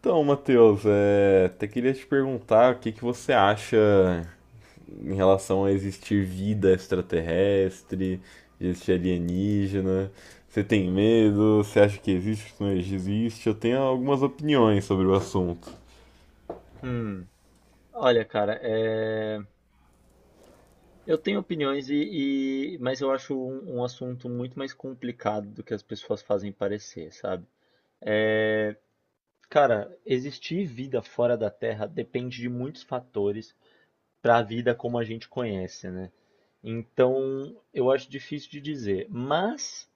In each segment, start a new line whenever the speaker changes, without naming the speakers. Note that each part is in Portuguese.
Então, Matheus, até queria te perguntar o que que você acha em relação a existir vida extraterrestre, existir alienígena. Você tem medo? Você acha que existe, que não existe? Eu tenho algumas opiniões sobre o assunto.
Hum, olha, cara, eu tenho opiniões mas eu acho um assunto muito mais complicado do que as pessoas fazem parecer, sabe? Cara, existir vida fora da Terra depende de muitos fatores para a vida como a gente conhece, né? Então, eu acho difícil de dizer, mas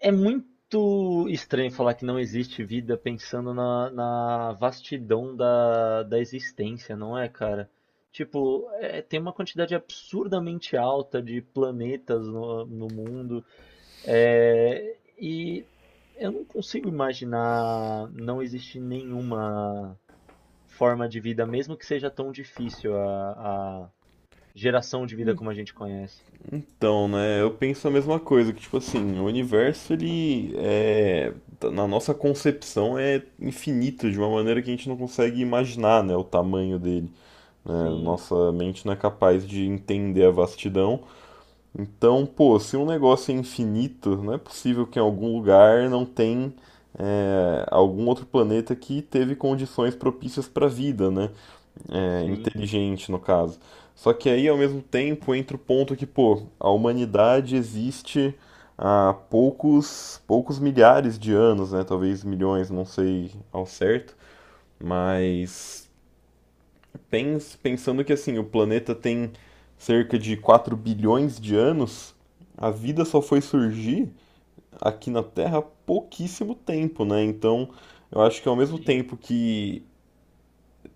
é muito estranho falar que não existe vida pensando na vastidão da existência, não é, cara? Tipo, tem uma quantidade absurdamente alta de planetas no mundo, é, e eu não consigo imaginar não existir nenhuma forma de vida, mesmo que seja tão difícil a geração de vida como a gente conhece.
Então, né, eu penso a mesma coisa, que tipo assim, o universo, na nossa concepção é infinito de uma maneira que a gente não consegue imaginar, né, o tamanho dele. Né?
Sim,
Nossa mente não é capaz de entender a vastidão. Então, pô, se um negócio é infinito, não é possível que em algum lugar não tem algum outro planeta que teve condições propícias para vida, né? É,
sim,
inteligente, no caso. Só que aí, ao mesmo tempo, entra o ponto que, pô, a humanidade existe há poucos, poucos milhares de anos, né? Talvez milhões, não sei ao certo, mas pensando que assim, o planeta tem cerca de 4 bilhões de anos, a vida só foi surgir aqui na Terra há pouquíssimo tempo, né? Então, eu acho que ao mesmo
sim.
tempo que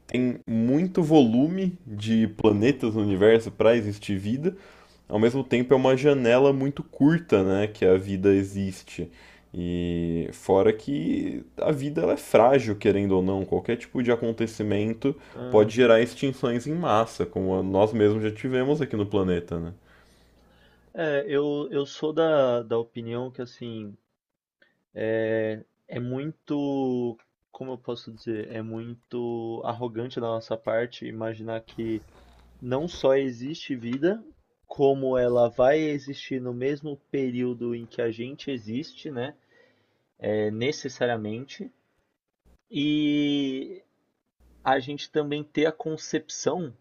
tem muito volume de planetas no universo para existir vida, ao mesmo tempo é uma janela muito curta, né, que a vida existe. E fora que a vida ela é frágil, querendo ou não, qualquer tipo de acontecimento pode gerar extinções em massa, como nós mesmos já tivemos aqui no planeta, né?
Eu sou da opinião que, assim, é muito, como eu posso dizer, é muito arrogante da nossa parte imaginar que não só existe vida, como ela vai existir no mesmo período em que a gente existe, né? É, necessariamente. E a gente também ter a concepção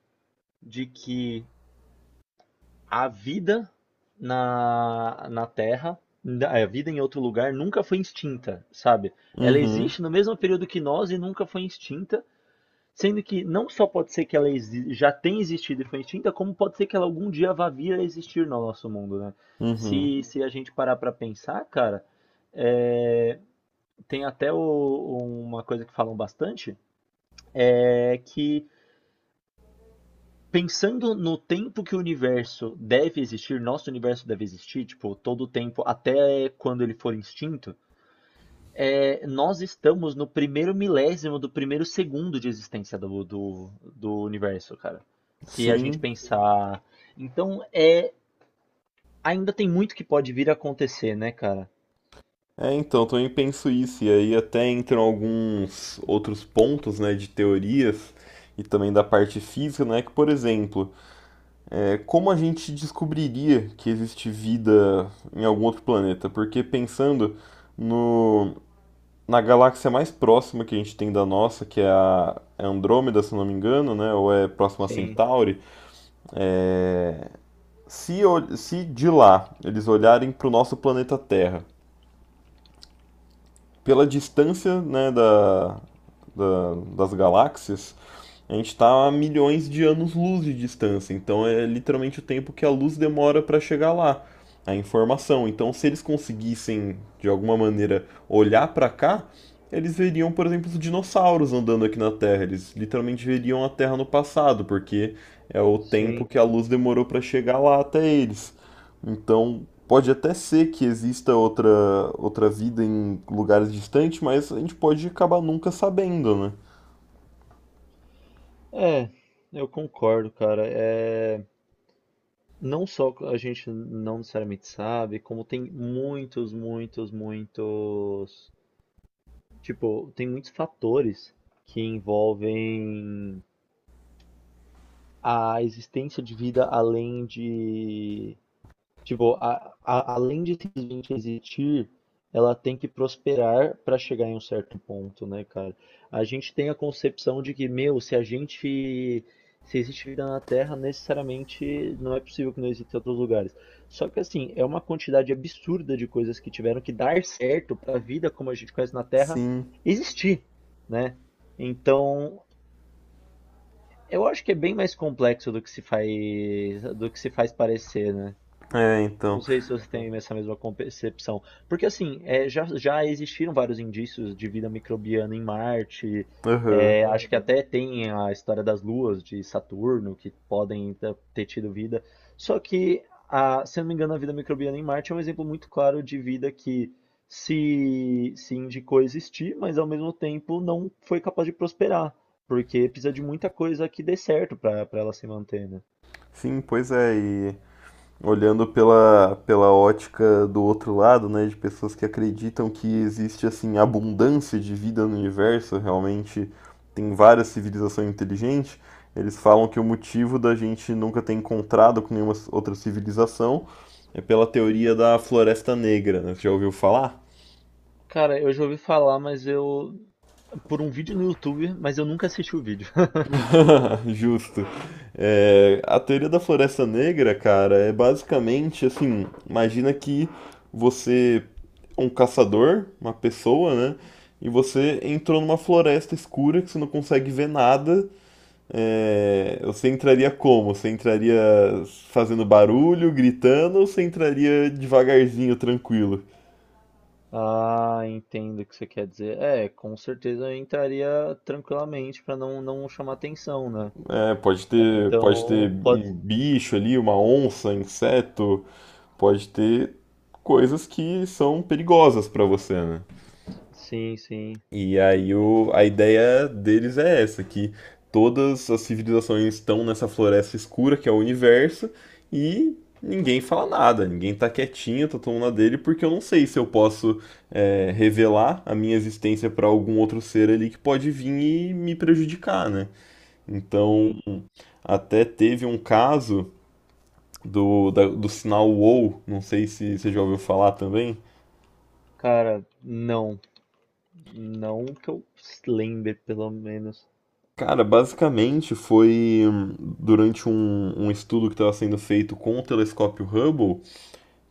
de que a vida na Terra, a vida em outro lugar, nunca foi extinta, sabe? Ela
Uhum,
existe no mesmo período que nós e nunca foi extinta, sendo que não só pode ser que ela já tenha existido e foi extinta, como pode ser que ela algum dia vá vir a existir no nosso mundo, né?
uhum.
Se a gente parar pra pensar, cara, é, tem até uma coisa que falam bastante, é que pensando no tempo que o universo deve existir, nosso universo deve existir, tipo, todo o tempo, até quando ele for extinto, nós estamos no primeiro milésimo do primeiro segundo de existência do universo, cara. Se a gente
Sim.
pensar. Então, é, ainda tem muito que pode vir a acontecer, né, cara?
Então, eu também penso isso, e aí até entram alguns outros pontos, né, de teorias e também da parte física, né, que, por exemplo, como a gente descobriria que existe vida em algum outro planeta? Porque pensando no, na galáxia mais próxima que a gente tem da nossa, que é a Andrômeda, se não me engano, né? Ou é próxima a
Sim,
Centauri. Se de lá eles olharem para o nosso planeta Terra, pela distância, né, das galáxias, a gente está a milhões de anos-luz de distância, então é literalmente o tempo que a luz demora para chegar lá, a informação. Então, se eles conseguissem, de alguma maneira, olhar para cá, eles veriam, por exemplo, os dinossauros andando aqui na Terra. Eles literalmente veriam a Terra no passado, porque é o tempo
sim.
que a luz demorou para chegar lá até eles. Então, pode até ser que exista outra, outra vida em lugares distantes, mas a gente pode acabar nunca sabendo, né?
É, eu concordo, cara. É. Não só a gente não necessariamente sabe, como tem muitos, muitos, muitos. Tipo, tem muitos fatores que envolvem a existência de vida além de tipo, além de simplesmente existir, ela tem que prosperar para chegar em um certo ponto, né, cara? A gente tem a concepção de que, meu, se a gente. Se existe vida na Terra, necessariamente não é possível que não exista em outros lugares. Só que, assim, é uma quantidade absurda de coisas que tiveram que dar certo para a vida como a gente conhece na Terra
Sim.
existir, né? Então, eu acho que é bem mais complexo do que se faz, do que se faz parecer, né?
É,
Não
então.
sei se você tem essa mesma concepção. Porque, assim, já existiram vários indícios de vida microbiana em Marte.
Aham.
É, acho que até tem a história das luas de Saturno, que ter tido vida. Só que, se eu não me engano, a vida microbiana em Marte é um exemplo muito claro de vida que se indicou existir, mas ao mesmo tempo não foi capaz de prosperar. Porque precisa de muita coisa que dê certo para ela se manter, né?
Sim, pois é, e olhando pela ótica do outro lado, né, de pessoas que acreditam que existe assim abundância de vida no universo, realmente tem várias civilizações inteligentes, eles falam que o motivo da gente nunca ter encontrado com nenhuma outra civilização é pela teoria da Floresta Negra, né? Você já ouviu falar?
Cara, eu já ouvi falar, mas eu por um vídeo no YouTube, mas eu nunca assisti o vídeo.
Justo. A teoria da Floresta Negra, cara, é basicamente assim: imagina que você é um caçador, uma pessoa, né? E você entrou numa floresta escura que você não consegue ver nada. Você entraria como? Você entraria fazendo barulho, gritando, ou você entraria devagarzinho, tranquilo?
Ah, entendo o que você quer dizer. É, com certeza eu entraria tranquilamente pra não chamar atenção, né?
Pode
É,
ter, pode ter
então, pode.
um bicho ali, uma onça, inseto, pode ter coisas que são perigosas para você, né?
Sim, sim,
E aí a ideia deles é essa, que todas as civilizações estão nessa floresta escura que é o universo e ninguém fala nada, ninguém tá quietinho, tá tomando a dele, porque eu não sei se eu posso revelar a minha existência para algum outro ser ali que pode vir e me prejudicar, né? Então
sim.
até teve um caso do sinal WoW, não sei se você já ouviu falar também.
Cara, não. Não que eu lembre, pelo menos.
Cara, basicamente foi durante um estudo que estava sendo feito com o telescópio Hubble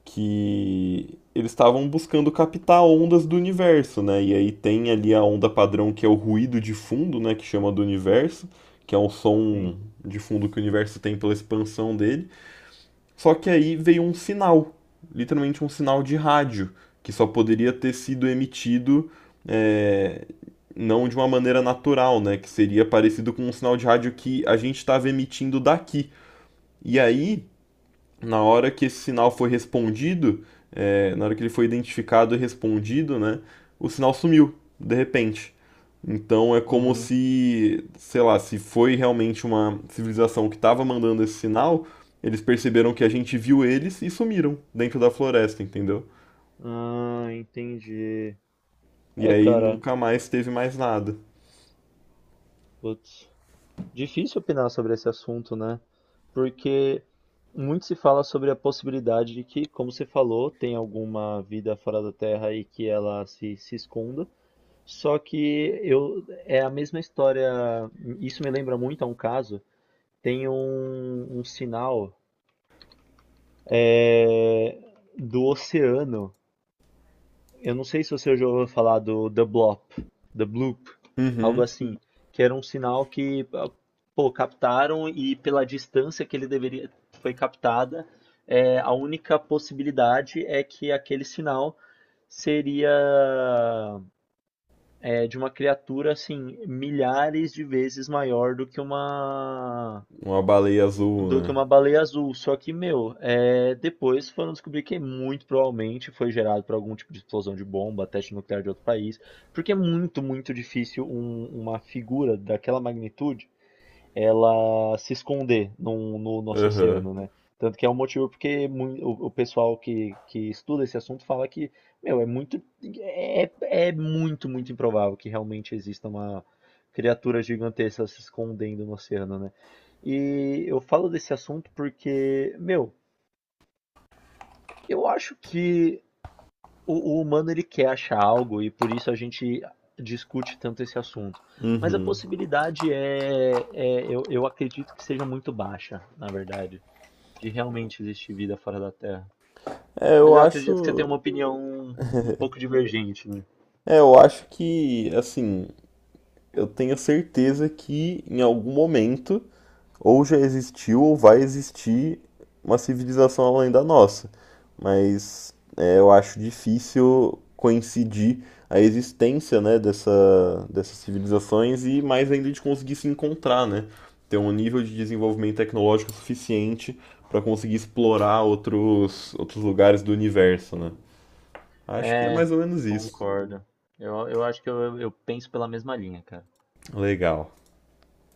que eles estavam buscando captar ondas do universo, né? E aí tem ali a onda padrão que é o ruído de fundo, né? Que chama do universo, que é o
Sim.
som de fundo que o universo tem pela expansão dele. Só que aí veio um sinal, literalmente um sinal de rádio, que só poderia ter sido emitido é, não de uma maneira natural, né? Que seria parecido com um sinal de rádio que a gente estava emitindo daqui. E aí na hora que esse sinal foi respondido, na hora que ele foi identificado e respondido, né, o sinal sumiu, de repente. Então é como
Aham.
se, sei lá, se foi realmente uma civilização que estava mandando esse sinal, eles perceberam que a gente viu eles e sumiram dentro da floresta, entendeu?
Ah, entendi.
E
É,
aí
cara,
nunca mais teve mais nada.
putz. Difícil opinar sobre esse assunto, né? Porque muito se fala sobre a possibilidade de que, como você falou, tem alguma vida fora da Terra e que ela se esconda. Só que eu é a mesma história. Isso me lembra muito a um caso. Tem um sinal é, do oceano. Eu não sei se você já ouviu falar do The Bloop, The Bloop, algo
Uhum.
assim, que era um sinal que, ah, pô, captaram e pela distância que ele deveria foi captada, é, a única possibilidade é que aquele sinal seria é, de uma criatura assim milhares de vezes maior
Uma baleia azul,
do que
né?
uma baleia azul. Só que, meu, é, depois foram descobrir que muito provavelmente foi gerado por algum tipo de explosão de bomba, teste nuclear de outro país, porque é muito, muito difícil uma figura daquela magnitude ela se esconder no nosso
Aham.
oceano, né? Tanto que é um motivo porque o pessoal que estuda esse assunto fala que, meu, é muito, é muito, muito improvável que realmente exista uma criatura gigantesca se escondendo no oceano, né? E eu falo desse assunto porque, meu, eu acho que o humano ele quer achar algo e por isso a gente discute tanto esse assunto. Mas a
Uhum.
possibilidade eu acredito que seja muito baixa, na verdade, de realmente existir vida fora da Terra.
É, eu
Mas eu acredito que você
acho.
tem uma opinião um pouco divergente, né?
Eu acho que, assim, eu tenho certeza que em algum momento ou já existiu ou vai existir uma civilização além da nossa. Mas é, eu acho difícil coincidir a existência, né, dessas civilizações e mais ainda de conseguir se encontrar, né? Ter um nível de desenvolvimento tecnológico suficiente para conseguir explorar outros lugares do universo, né? Acho que é
É,
mais ou menos isso.
concordo. Eu acho que eu penso pela mesma linha, cara.
Legal.